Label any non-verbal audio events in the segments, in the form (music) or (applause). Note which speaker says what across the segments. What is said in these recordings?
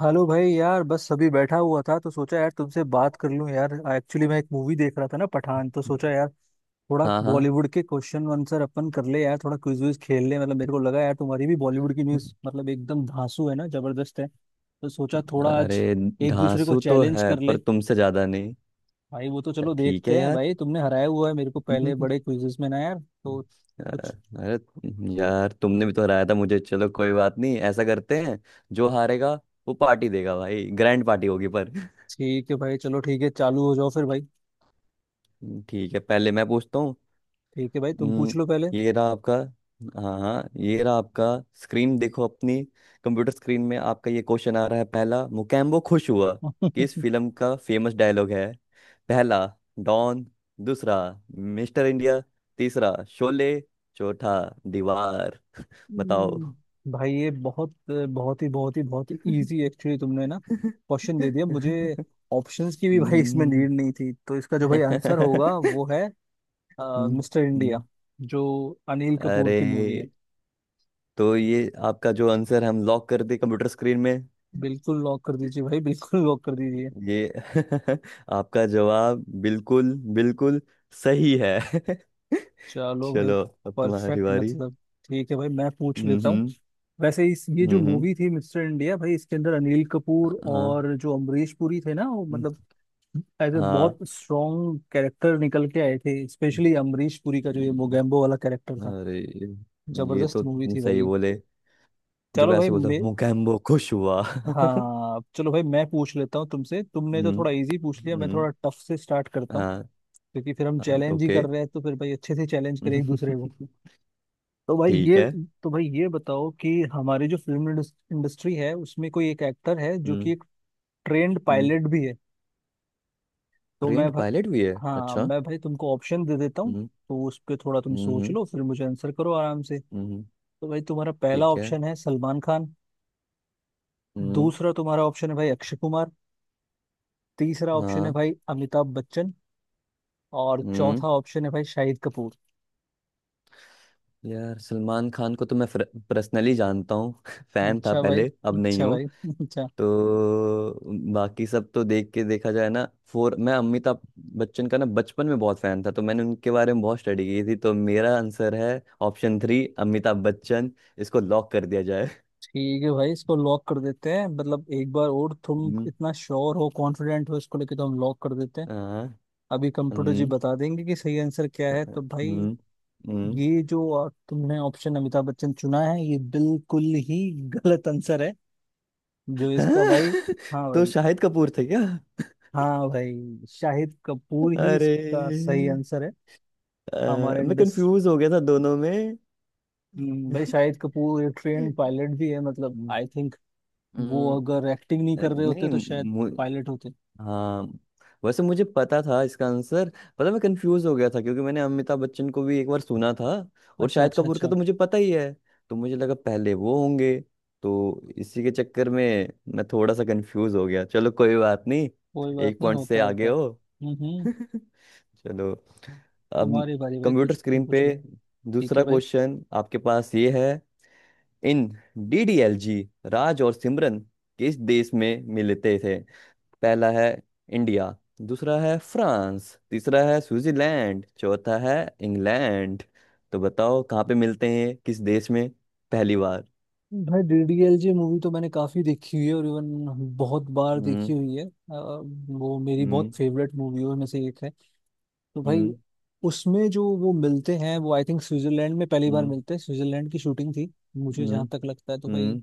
Speaker 1: Hello भाई। यार बस अभी बैठा हुआ था तो सोचा यार तुमसे बात कर लूं। यार एक्चुअली मैं एक मूवी देख रहा था ना, पठान। तो सोचा यार थोड़ा
Speaker 2: हाँ हाँ।
Speaker 1: बॉलीवुड के क्वेश्चन आंसर अपन कर ले, यार थोड़ा क्विज विज खेल ले। मतलब मेरे को लगा यार तुम्हारी भी बॉलीवुड की न्यूज मतलब एकदम धांसू है ना, जबरदस्त है। तो सोचा थोड़ा आज
Speaker 2: अरे
Speaker 1: एक दूसरे को
Speaker 2: धांसू तो
Speaker 1: चैलेंज
Speaker 2: है,
Speaker 1: कर ले।
Speaker 2: पर तुमसे ज्यादा नहीं।
Speaker 1: भाई वो तो चलो
Speaker 2: ठीक है
Speaker 1: देखते हैं।
Speaker 2: यार।
Speaker 1: भाई तुमने हराया हुआ है मेरे को पहले बड़े
Speaker 2: (laughs)
Speaker 1: क्विजेस में ना यार, तो
Speaker 2: अ-
Speaker 1: कुछ।
Speaker 2: अरे यार तुमने भी तो हराया था मुझे। चलो कोई बात नहीं, ऐसा करते हैं जो हारेगा वो पार्टी देगा भाई। ग्रैंड पार्टी होगी पर (laughs)
Speaker 1: ठीक है भाई। चलो ठीक है, चालू हो जाओ फिर भाई।
Speaker 2: ठीक है, पहले मैं पूछता हूँ।
Speaker 1: ठीक है भाई, तुम पूछ
Speaker 2: हम्म,
Speaker 1: लो पहले।
Speaker 2: ये रहा आपका। हाँ हाँ, ये रहा आपका। स्क्रीन देखो अपनी। कंप्यूटर स्क्रीन में आपका ये क्वेश्चन आ रहा है। पहला, मुकेम्बो खुश हुआ किस
Speaker 1: (laughs)
Speaker 2: फिल्म का फेमस डायलॉग है? पहला डॉन, दूसरा मिस्टर इंडिया, तीसरा शोले, चौथा दीवार। (laughs) बताओ।
Speaker 1: भाई ये बहुत बहुत ही बहुत ही बहुत ही
Speaker 2: हम्म।
Speaker 1: इजी। एक्चुअली तुमने ना क्वेश्चन दे दिया मुझे, ऑप्शंस की भी (laughs) भाई इसमें नीड नहीं थी। तो इसका जो भाई आंसर
Speaker 2: हम्म।
Speaker 1: होगा वो है मिस्टर इंडिया,
Speaker 2: हम्म।
Speaker 1: जो अनिल कपूर
Speaker 2: अरे
Speaker 1: की मूवी है।
Speaker 2: तो ये आपका जो आंसर हम लॉक कर दे कंप्यूटर स्क्रीन में।
Speaker 1: बिल्कुल लॉक कर दीजिए भाई, बिल्कुल लॉक कर दीजिए।
Speaker 2: ये (laughs) आपका जवाब बिल्कुल बिल्कुल सही है। (laughs)
Speaker 1: चलो भाई,
Speaker 2: चलो। अब तुम्हारी
Speaker 1: परफेक्ट
Speaker 2: बारी।
Speaker 1: मतलब। ठीक है भाई, मैं पूछ
Speaker 2: हम्म।
Speaker 1: लेता हूँ।
Speaker 2: हम्म।
Speaker 1: वैसे इस ये जो
Speaker 2: हम्म। हम्म।
Speaker 1: मूवी थी मिस्टर इंडिया भाई, इसके अंदर अनिल कपूर
Speaker 2: हाँ।
Speaker 1: और जो अमरीश पुरी थे ना, वो
Speaker 2: हम्म।
Speaker 1: मतलब एज ए बहुत
Speaker 2: हाँ।
Speaker 1: स्ट्रॉन्ग कैरेक्टर निकल के आए थे, स्पेशली अमरीश पुरी का जो ये
Speaker 2: हम्म।
Speaker 1: मोगैम्बो वाला कैरेक्टर था।
Speaker 2: अरे ये
Speaker 1: जबरदस्त
Speaker 2: तो
Speaker 1: मूवी
Speaker 2: तुम
Speaker 1: थी
Speaker 2: सही
Speaker 1: भाई।
Speaker 2: बोले। जब
Speaker 1: चलो भाई
Speaker 2: ऐसे बोला
Speaker 1: मैं
Speaker 2: मुकैम्बो खुश हुआ। (laughs) हम्म।
Speaker 1: हाँ, चलो भाई मैं पूछ लेता हूँ तुमसे। तुमने तो थोड़ा इजी पूछ लिया, मैं
Speaker 2: हम्म।
Speaker 1: थोड़ा टफ से स्टार्ट करता हूँ।
Speaker 2: हाँ।
Speaker 1: क्योंकि फिर हम
Speaker 2: हाँ
Speaker 1: चैलेंज ही कर
Speaker 2: ओके।
Speaker 1: रहे हैं, तो फिर भाई अच्छे से चैलेंज करें एक दूसरे को।
Speaker 2: (laughs)
Speaker 1: तो भाई
Speaker 2: ठीक
Speaker 1: ये
Speaker 2: है।
Speaker 1: तो भाई ये बताओ कि हमारी जो फिल्म इंडस्ट्री है उसमें कोई एक एक्टर है जो
Speaker 2: हम्म।
Speaker 1: कि एक ट्रेंड
Speaker 2: हम्म।
Speaker 1: पायलट भी है। तो मैं
Speaker 2: ट्रेंड
Speaker 1: भाई
Speaker 2: पायलट भी है?
Speaker 1: हाँ
Speaker 2: अच्छा।
Speaker 1: मैं भाई तुमको ऑप्शन दे देता हूँ।
Speaker 2: हम्म।
Speaker 1: तो उस पर थोड़ा तुम
Speaker 2: हम्म। हम्म।
Speaker 1: सोच लो, फिर मुझे आंसर करो आराम से।
Speaker 2: हम्म।
Speaker 1: तो भाई तुम्हारा पहला
Speaker 2: ठीक है।
Speaker 1: ऑप्शन है सलमान खान।
Speaker 2: हम्म।
Speaker 1: दूसरा तुम्हारा ऑप्शन है भाई अक्षय कुमार। तीसरा ऑप्शन है
Speaker 2: हाँ।
Speaker 1: भाई अमिताभ बच्चन। और
Speaker 2: हम्म।
Speaker 1: चौथा ऑप्शन है भाई शाहिद कपूर।
Speaker 2: यार सलमान खान को तो मैं पर्सनली जानता हूँ। (laughs) फैन था
Speaker 1: अच्छा भाई,
Speaker 2: पहले, अब नहीं
Speaker 1: अच्छा
Speaker 2: हूँ।
Speaker 1: भाई, (laughs) अच्छा।
Speaker 2: तो बाकी सब तो देख के देखा जाए ना। फोर, मैं अमिताभ बच्चन का ना बचपन में बहुत फैन था, तो मैंने उनके बारे में बहुत स्टडी की थी। तो मेरा आंसर है ऑप्शन थ्री अमिताभ बच्चन। इसको लॉक कर दिया जाए।
Speaker 1: ठीक है भाई, इसको लॉक कर देते हैं। मतलब एक बार और तुम
Speaker 2: हम्म।
Speaker 1: इतना श्योर हो, कॉन्फिडेंट हो इसको लेके, तो हम लॉक कर देते हैं।
Speaker 2: हाँ।
Speaker 1: अभी कंप्यूटर जी
Speaker 2: हम्म।
Speaker 1: बता देंगे कि सही आंसर क्या है। तो भाई,
Speaker 2: हम्म। हम्म।
Speaker 1: ये जो तुमने ऑप्शन अमिताभ बच्चन चुना है, ये बिल्कुल ही गलत आंसर है। जो
Speaker 2: हाँ।
Speaker 1: इसका भाई,
Speaker 2: (laughs)
Speaker 1: हाँ
Speaker 2: तो
Speaker 1: भाई,
Speaker 2: शाहिद कपूर थे क्या?
Speaker 1: हाँ भाई शाहिद कपूर ही
Speaker 2: अरे
Speaker 1: इसका सही आंसर है। हमारे
Speaker 2: मैं
Speaker 1: इंडस्ट्री
Speaker 2: कंफ्यूज हो गया था दोनों में।
Speaker 1: भाई, शाहिद कपूर एक ट्रेन पायलट भी है, मतलब आई
Speaker 2: (laughs)
Speaker 1: थिंक वो
Speaker 2: हम्म।
Speaker 1: अगर एक्टिंग नहीं कर
Speaker 2: अरे
Speaker 1: रहे होते
Speaker 2: नहीं।
Speaker 1: तो शायद
Speaker 2: मु,
Speaker 1: पायलट होते।
Speaker 2: हाँ, वैसे मुझे पता था इसका आंसर। पता, मैं कंफ्यूज हो गया था क्योंकि मैंने अमिताभ बच्चन को भी एक बार सुना था। और
Speaker 1: अच्छा,
Speaker 2: शाहिद
Speaker 1: अच्छा,
Speaker 2: कपूर का
Speaker 1: अच्छा।
Speaker 2: तो मुझे पता ही है। तो मुझे लगा पहले वो होंगे। तो इसी के चक्कर में मैं थोड़ा सा कंफ्यूज हो गया। चलो कोई बात नहीं।
Speaker 1: कोई बात
Speaker 2: एक
Speaker 1: नहीं,
Speaker 2: पॉइंट से
Speaker 1: होता है, होता
Speaker 2: आगे
Speaker 1: है।
Speaker 2: हो।
Speaker 1: हम्म,
Speaker 2: (laughs)
Speaker 1: हम्म।
Speaker 2: चलो। अब
Speaker 1: तुम्हारी बारी भाई,
Speaker 2: कंप्यूटर
Speaker 1: कुछ तुम
Speaker 2: स्क्रीन
Speaker 1: पूछ
Speaker 2: पे
Speaker 1: लो। ठीक है
Speaker 2: दूसरा
Speaker 1: भाई।
Speaker 2: क्वेश्चन आपके पास ये है। इन डीडीएलजी राज और सिमरन किस देश में मिलते थे? पहला है इंडिया, दूसरा है फ्रांस, तीसरा है स्विट्जरलैंड, चौथा है इंग्लैंड। तो बताओ कहाँ पे मिलते हैं, किस देश में, पहली बार?
Speaker 1: भाई डीडीएलजे मूवी तो मैंने काफी देखी हुई है, और इवन बहुत बार देखी
Speaker 2: हम्म।
Speaker 1: हुई है। वो मेरी
Speaker 2: हम्म।
Speaker 1: बहुत फेवरेट मूवियों में से एक है। तो भाई
Speaker 2: हम्म।
Speaker 1: उसमें जो वो मिलते हैं, वो आई थिंक स्विट्जरलैंड में पहली बार
Speaker 2: हम्म।
Speaker 1: मिलते हैं, स्विट्जरलैंड की शूटिंग थी मुझे
Speaker 2: हम्म।
Speaker 1: जहां तक लगता है। तो
Speaker 2: हम्म।
Speaker 1: भाई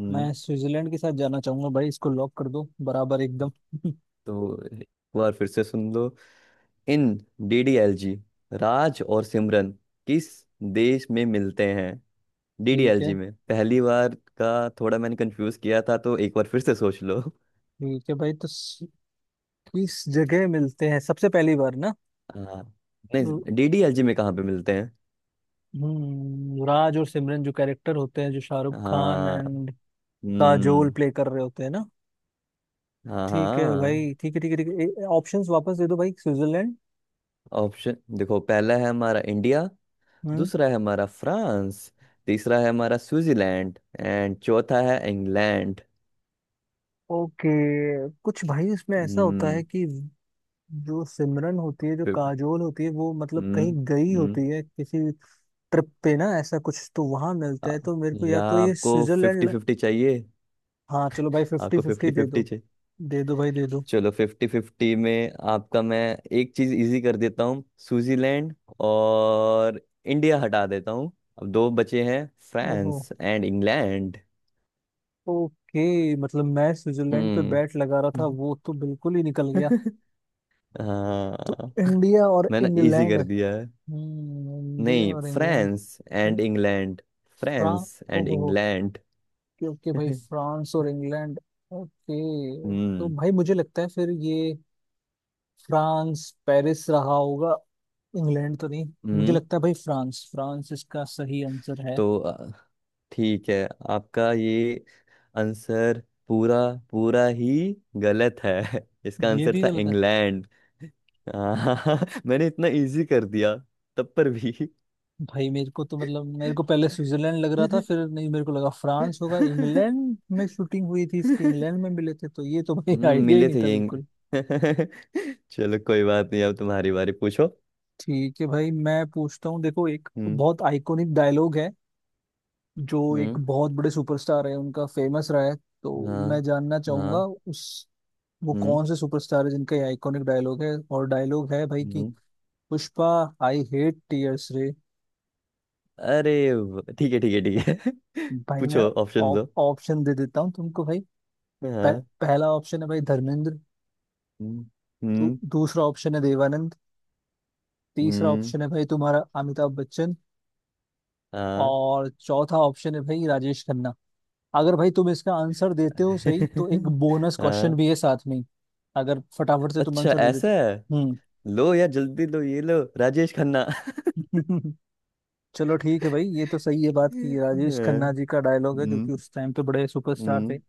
Speaker 2: हम्म।
Speaker 1: मैं स्विट्जरलैंड के साथ जाना चाहूंगा भाई, इसको लॉक कर दो बराबर एकदम। (laughs)
Speaker 2: तो एक बार फिर से सुन लो। इन डीडीएलजी राज और सिमरन किस देश में मिलते हैं?
Speaker 1: ठीक है।
Speaker 2: डीडीएलजी में पहली बार का थोड़ा मैंने कंफ्यूज किया था, तो एक बार फिर से सोच लो। (laughs)
Speaker 1: ठीक है भाई, तो किस जगह मिलते हैं सबसे पहली बार ना।
Speaker 2: हाँ। नहीं डीडीएलजी में कहाँ पे मिलते हैं?
Speaker 1: राज और सिमरन जो कैरेक्टर होते हैं, जो शाहरुख खान
Speaker 2: हाँ।
Speaker 1: एंड काजोल
Speaker 2: हम्म।
Speaker 1: प्ले कर रहे होते हैं ना।
Speaker 2: हाँ
Speaker 1: ठीक है
Speaker 2: हाँ।
Speaker 1: भाई, ठीक है, ठीक है। ठीक है, ऑप्शंस वापस दे दो भाई, स्विट्जरलैंड।
Speaker 2: ऑप्शन देखो, पहला है हमारा इंडिया,
Speaker 1: हम्म।
Speaker 2: दूसरा है हमारा फ्रांस, तीसरा है हमारा स्विट्जरलैंड एंड चौथा है इंग्लैंड।
Speaker 1: ओके। कुछ भाई इसमें ऐसा होता है
Speaker 2: हम्म।
Speaker 1: कि जो सिमरन होती है, जो
Speaker 2: फिर-
Speaker 1: काजोल होती है, वो मतलब
Speaker 2: हम्म।
Speaker 1: कहीं गई
Speaker 2: हम्म।
Speaker 1: होती है किसी ट्रिप पे ना, ऐसा कुछ। तो वहां मिलता
Speaker 2: आ-
Speaker 1: है, तो मेरे को या
Speaker 2: या
Speaker 1: तो ये
Speaker 2: आपको
Speaker 1: स्विट्जरलैंड
Speaker 2: फिफ्टी फिफ्टी चाहिए?
Speaker 1: हाँ चलो भाई, फिफ्टी
Speaker 2: आपको
Speaker 1: फिफ्टी
Speaker 2: फिफ्टी
Speaker 1: दे
Speaker 2: फिफ्टी।
Speaker 1: दो। दे दो भाई, दे दो।
Speaker 2: चलो, फिफ्टी फिफ्टी में आपका मैं एक चीज इजी कर देता हूँ। स्विट्जरलैंड और इंडिया हटा देता हूँ। अब दो बचे हैं,
Speaker 1: ओहो।
Speaker 2: France and England.
Speaker 1: ओके, मतलब मैं स्विट्जरलैंड पे
Speaker 2: हम्म।
Speaker 1: बैट लगा रहा था, वो तो बिल्कुल ही निकल गया।
Speaker 2: (laughs)
Speaker 1: तो
Speaker 2: हाँ।
Speaker 1: इंडिया और
Speaker 2: मैंने इजी
Speaker 1: इंग्लैंड।
Speaker 2: कर दिया है।
Speaker 1: इंडिया
Speaker 2: नहीं,
Speaker 1: और England.
Speaker 2: France and England.
Speaker 1: France.
Speaker 2: France and
Speaker 1: ओहो हो।
Speaker 2: इंग्लैंड।
Speaker 1: क्योंकि
Speaker 2: (laughs)
Speaker 1: भाई
Speaker 2: हम्म।
Speaker 1: फ्रांस और इंग्लैंड। ओके। तो भाई मुझे लगता है फिर ये फ्रांस, पेरिस रहा होगा। इंग्लैंड तो नहीं। मुझे
Speaker 2: हम्म।
Speaker 1: लगता है भाई फ्रांस, फ्रांस इसका सही आंसर है।
Speaker 2: तो ठीक है। आपका ये आंसर पूरा पूरा ही गलत है। (laughs) इसका
Speaker 1: ये
Speaker 2: आंसर
Speaker 1: भी
Speaker 2: था
Speaker 1: गलत है।
Speaker 2: इंग्लैंड। हाँ, मैंने इतना इजी कर दिया तब पर भी।
Speaker 1: भाई मेरे को तो मतलब मेरे को पहले स्विट्जरलैंड लग रहा था, फिर नहीं, मेरे को लगा फ्रांस होगा। इंग्लैंड में शूटिंग हुई थी इसकी, इंग्लैंड में मिले थे, तो ये तो भाई (laughs) आइडिया ही
Speaker 2: मिले
Speaker 1: नहीं
Speaker 2: थे
Speaker 1: था
Speaker 2: ये
Speaker 1: बिल्कुल।
Speaker 2: (laughs) चलो कोई बात नहीं। अब तुम्हारी बारी, पूछो।
Speaker 1: ठीक है भाई, मैं पूछता हूँ, देखो। एक
Speaker 2: हम्म।
Speaker 1: बहुत आइकॉनिक डायलॉग है, जो
Speaker 2: हम्म।
Speaker 1: एक बहुत बड़े सुपरस्टार है उनका फेमस रहा है। तो
Speaker 2: हाँ
Speaker 1: मैं जानना चाहूंगा
Speaker 2: हाँ।
Speaker 1: उस वो
Speaker 2: हम्म।
Speaker 1: कौन से सुपरस्टार है जिनका ये आइकॉनिक डायलॉग है। और डायलॉग है भाई कि,
Speaker 2: हम्म।
Speaker 1: पुष्पा, आई हेट टीयर्स रे।
Speaker 2: अरे ठीक है ठीक है ठीक है। (laughs)
Speaker 1: भाई मैं
Speaker 2: पूछो, ऑप्शन दो।
Speaker 1: ऑप्शन दे देता हूँ तुमको भाई। पह,
Speaker 2: हाँ।
Speaker 1: पहला ऑप्शन है भाई धर्मेंद्र।
Speaker 2: हम्म।
Speaker 1: तो
Speaker 2: हम्म।
Speaker 1: दूसरा ऑप्शन है देवानंद। तीसरा
Speaker 2: हम्म।
Speaker 1: ऑप्शन है भाई तुम्हारा अमिताभ बच्चन।
Speaker 2: हाँ।
Speaker 1: और चौथा ऑप्शन है भाई राजेश खन्ना। अगर भाई तुम इसका आंसर देते हो सही, तो एक
Speaker 2: (laughs)
Speaker 1: बोनस क्वेश्चन
Speaker 2: हाँ।
Speaker 1: भी है साथ में। अगर फटाफट से तुम
Speaker 2: अच्छा,
Speaker 1: आंसर दे
Speaker 2: ऐसा
Speaker 1: देते।
Speaker 2: है। लो यार, जल्दी लो, ये लो राजेश खन्ना।
Speaker 1: हम्म। (laughs) चलो ठीक है भाई, ये तो सही है बात की,
Speaker 2: (laughs)
Speaker 1: राजेश खन्ना
Speaker 2: हाँ।
Speaker 1: जी का डायलॉग है, जो
Speaker 2: हम्म।
Speaker 1: कि उस टाइम पे बड़े सुपरस्टार थे।
Speaker 2: हम्म।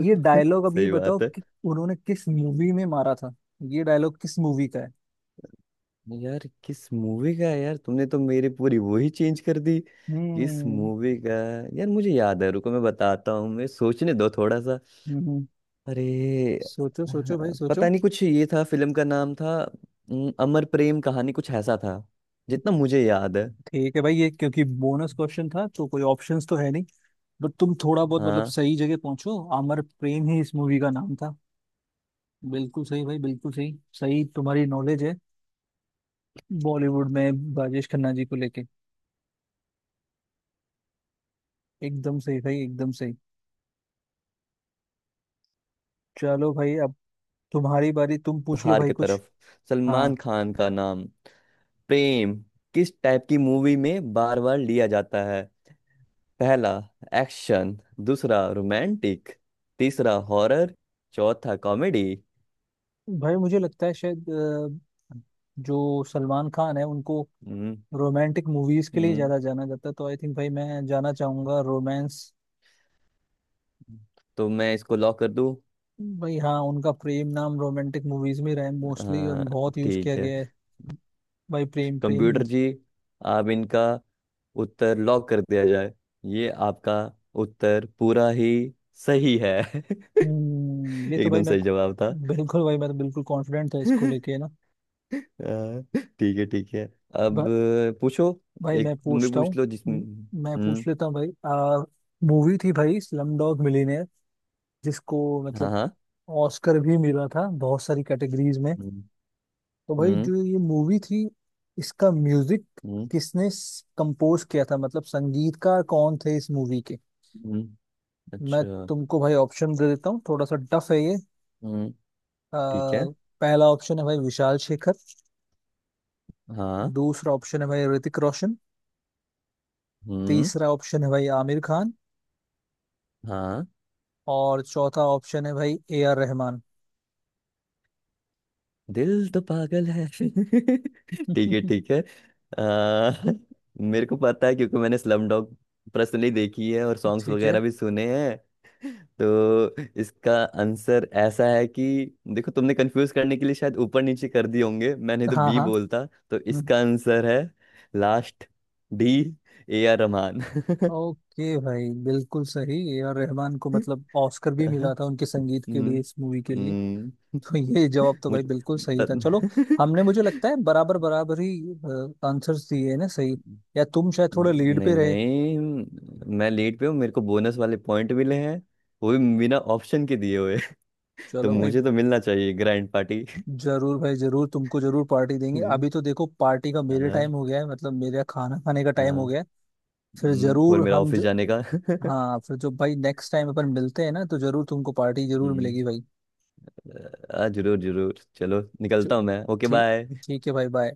Speaker 1: ये
Speaker 2: (laughs)
Speaker 1: डायलॉग, अब ये
Speaker 2: सही
Speaker 1: बताओ
Speaker 2: बात है।
Speaker 1: कि उन्होंने किस मूवी में मारा था, ये डायलॉग किस मूवी का है।
Speaker 2: यार किस मूवी का है? यार तुमने तो मेरी पूरी वो ही चेंज कर दी। किस
Speaker 1: हम्म।
Speaker 2: मूवी का? यार मुझे याद है, रुको मैं बताता हूँ। मैं सोचने दो थोड़ा सा।
Speaker 1: हम्म,
Speaker 2: अरे
Speaker 1: सोचो,
Speaker 2: अ,
Speaker 1: सोचो भाई, सोचो।
Speaker 2: पता नहीं, कुछ ये था फिल्म का नाम था, अमर प्रेम कहानी कुछ ऐसा था, जितना मुझे याद है।
Speaker 1: ठीक है भाई, ये क्योंकि बोनस क्वेश्चन था तो कोई ऑप्शंस तो है नहीं, बट तुम थोड़ा बहुत मतलब
Speaker 2: हाँ।
Speaker 1: सही जगह पहुंचो। अमर प्रेम ही इस मूवी का नाम था। बिल्कुल सही भाई, बिल्कुल सही। सही तुम्हारी नॉलेज है बॉलीवुड में राजेश खन्ना जी को लेके। एकदम सही भाई, एकदम सही। चलो भाई, अब तुम्हारी बारी, तुम पूछ लो
Speaker 2: हार
Speaker 1: भाई
Speaker 2: की
Speaker 1: कुछ।
Speaker 2: तरफ
Speaker 1: हाँ।
Speaker 2: सलमान खान का नाम प्रेम किस टाइप की मूवी में बार बार लिया जाता है? पहला एक्शन, दूसरा रोमांटिक, तीसरा हॉरर, चौथा कॉमेडी।
Speaker 1: भाई मुझे लगता है शायद जो सलमान खान है उनको
Speaker 2: हम्म।
Speaker 1: रोमांटिक मूवीज के लिए
Speaker 2: हम्म,
Speaker 1: ज्यादा जाना जाता है। तो आई थिंक भाई मैं जाना चाहूंगा रोमांस।
Speaker 2: तो मैं इसको लॉक कर दूं?
Speaker 1: भाई हाँ, उनका प्रेम नाम रोमांटिक मूवीज में रहा है मोस्टली, और
Speaker 2: हाँ
Speaker 1: बहुत यूज
Speaker 2: ठीक
Speaker 1: किया
Speaker 2: है।
Speaker 1: गया है। भाई प्रेम, प्रेम ही
Speaker 2: कंप्यूटर
Speaker 1: है।
Speaker 2: जी आप इनका उत्तर लॉक कर दिया जाए। ये आपका उत्तर पूरा ही सही है। (laughs)
Speaker 1: ये तो भाई
Speaker 2: एकदम
Speaker 1: मैं,
Speaker 2: सही जवाब था।
Speaker 1: बिल्कुल भाई, मैं तो बिल्कुल कॉन्फिडेंट था इसको
Speaker 2: (laughs)
Speaker 1: लेके ना।
Speaker 2: हाँ, ठीक है ठीक है। अब
Speaker 1: भा,
Speaker 2: पूछो।
Speaker 1: भाई
Speaker 2: एक
Speaker 1: मैं
Speaker 2: तुम भी
Speaker 1: पूछता
Speaker 2: पूछ
Speaker 1: हूँ।
Speaker 2: लो जिसमें
Speaker 1: म- मैं पूछ लेता हूँ भाई। आ मूवी थी भाई स्लम डॉग मिलियनेयर, जिसको
Speaker 2: हाँ
Speaker 1: मतलब
Speaker 2: हाँ।
Speaker 1: ऑस्कर भी मिला था बहुत सारी कैटेगरीज में।
Speaker 2: हम्म।
Speaker 1: तो भाई
Speaker 2: हम्म।
Speaker 1: जो ये मूवी थी, इसका म्यूजिक
Speaker 2: हम्म।
Speaker 1: किसने कंपोज किया था, मतलब संगीतकार कौन थे इस मूवी के।
Speaker 2: हम्म।
Speaker 1: मैं
Speaker 2: अच्छा।
Speaker 1: तुमको भाई ऑप्शन दे देता हूँ, थोड़ा सा टफ है ये।
Speaker 2: हम्म।
Speaker 1: आ,
Speaker 2: ठीक है।
Speaker 1: पहला ऑप्शन है भाई विशाल शेखर।
Speaker 2: हाँ।
Speaker 1: दूसरा ऑप्शन है भाई ऋतिक रोशन।
Speaker 2: हम्म।
Speaker 1: तीसरा ऑप्शन है भाई आमिर खान।
Speaker 2: हाँ।
Speaker 1: और चौथा ऑप्शन है भाई ए आर रहमान।
Speaker 2: दिल तो पागल है। (laughs) ठीक है
Speaker 1: (laughs)
Speaker 2: ठीक है। आ, (laughs) मेरे को पता है, क्योंकि मैंने स्लम डॉग पर्सनली देखी है और सॉन्ग्स
Speaker 1: ठीक है।
Speaker 2: वगैरह भी सुने हैं। तो इसका आंसर ऐसा है कि देखो, तुमने कंफ्यूज करने के लिए शायद ऊपर नीचे कर दिए होंगे। मैंने तो
Speaker 1: हाँ,
Speaker 2: बी
Speaker 1: हाँ।
Speaker 2: बोलता। तो
Speaker 1: हम्म,
Speaker 2: इसका आंसर है last, D, A R Rahman.
Speaker 1: Okay भाई, बिल्कुल सही। ए आर रहमान को
Speaker 2: (laughs)
Speaker 1: मतलब ऑस्कर भी
Speaker 2: अहं।
Speaker 1: मिला था उनके संगीत के लिए,
Speaker 2: हम्म।
Speaker 1: इस मूवी के लिए।
Speaker 2: हम्म।
Speaker 1: तो ये जवाब
Speaker 2: (laughs)
Speaker 1: तो
Speaker 2: मुझ
Speaker 1: भाई बिल्कुल सही था, चलो।
Speaker 2: बत-
Speaker 1: हमने, मुझे
Speaker 2: (laughs)
Speaker 1: लगता है बराबर बराबर ही आंसर्स दिए हैं ना सही, या तुम शायद थोड़े लीड
Speaker 2: नहीं
Speaker 1: पे रहे।
Speaker 2: नहीं, मैं लीड पे हूँ। मेरे को बोनस वाले पॉइंट मिले हैं, वो भी बिना ऑप्शन के दिए हुए। (laughs) तो
Speaker 1: चलो भाई।
Speaker 2: मुझे तो मिलना चाहिए ग्रैंड पार्टी। (laughs)
Speaker 1: जरूर भाई जरूर, तुमको जरूर पार्टी देंगे।
Speaker 2: हम्म।
Speaker 1: अभी तो देखो पार्टी का, मेरे
Speaker 2: हाँ
Speaker 1: टाइम हो गया है, मतलब मेरा खाना खाने का टाइम
Speaker 2: हाँ।
Speaker 1: हो गया है। फिर
Speaker 2: और
Speaker 1: जरूर
Speaker 2: मेरा
Speaker 1: हम
Speaker 2: ऑफिस
Speaker 1: ज,
Speaker 2: जाने का। (laughs)
Speaker 1: हाँ, फिर जो भाई नेक्स्ट टाइम अपन मिलते हैं ना, तो जरूर तुमको पार्टी जरूर
Speaker 2: हम्म,
Speaker 1: मिलेगी भाई।
Speaker 2: जरूर जरूर चलो
Speaker 1: चलो,
Speaker 2: निकलता हूँ मैं, ओके
Speaker 1: ठीक,
Speaker 2: बाय।
Speaker 1: ठीक है भाई, बाय।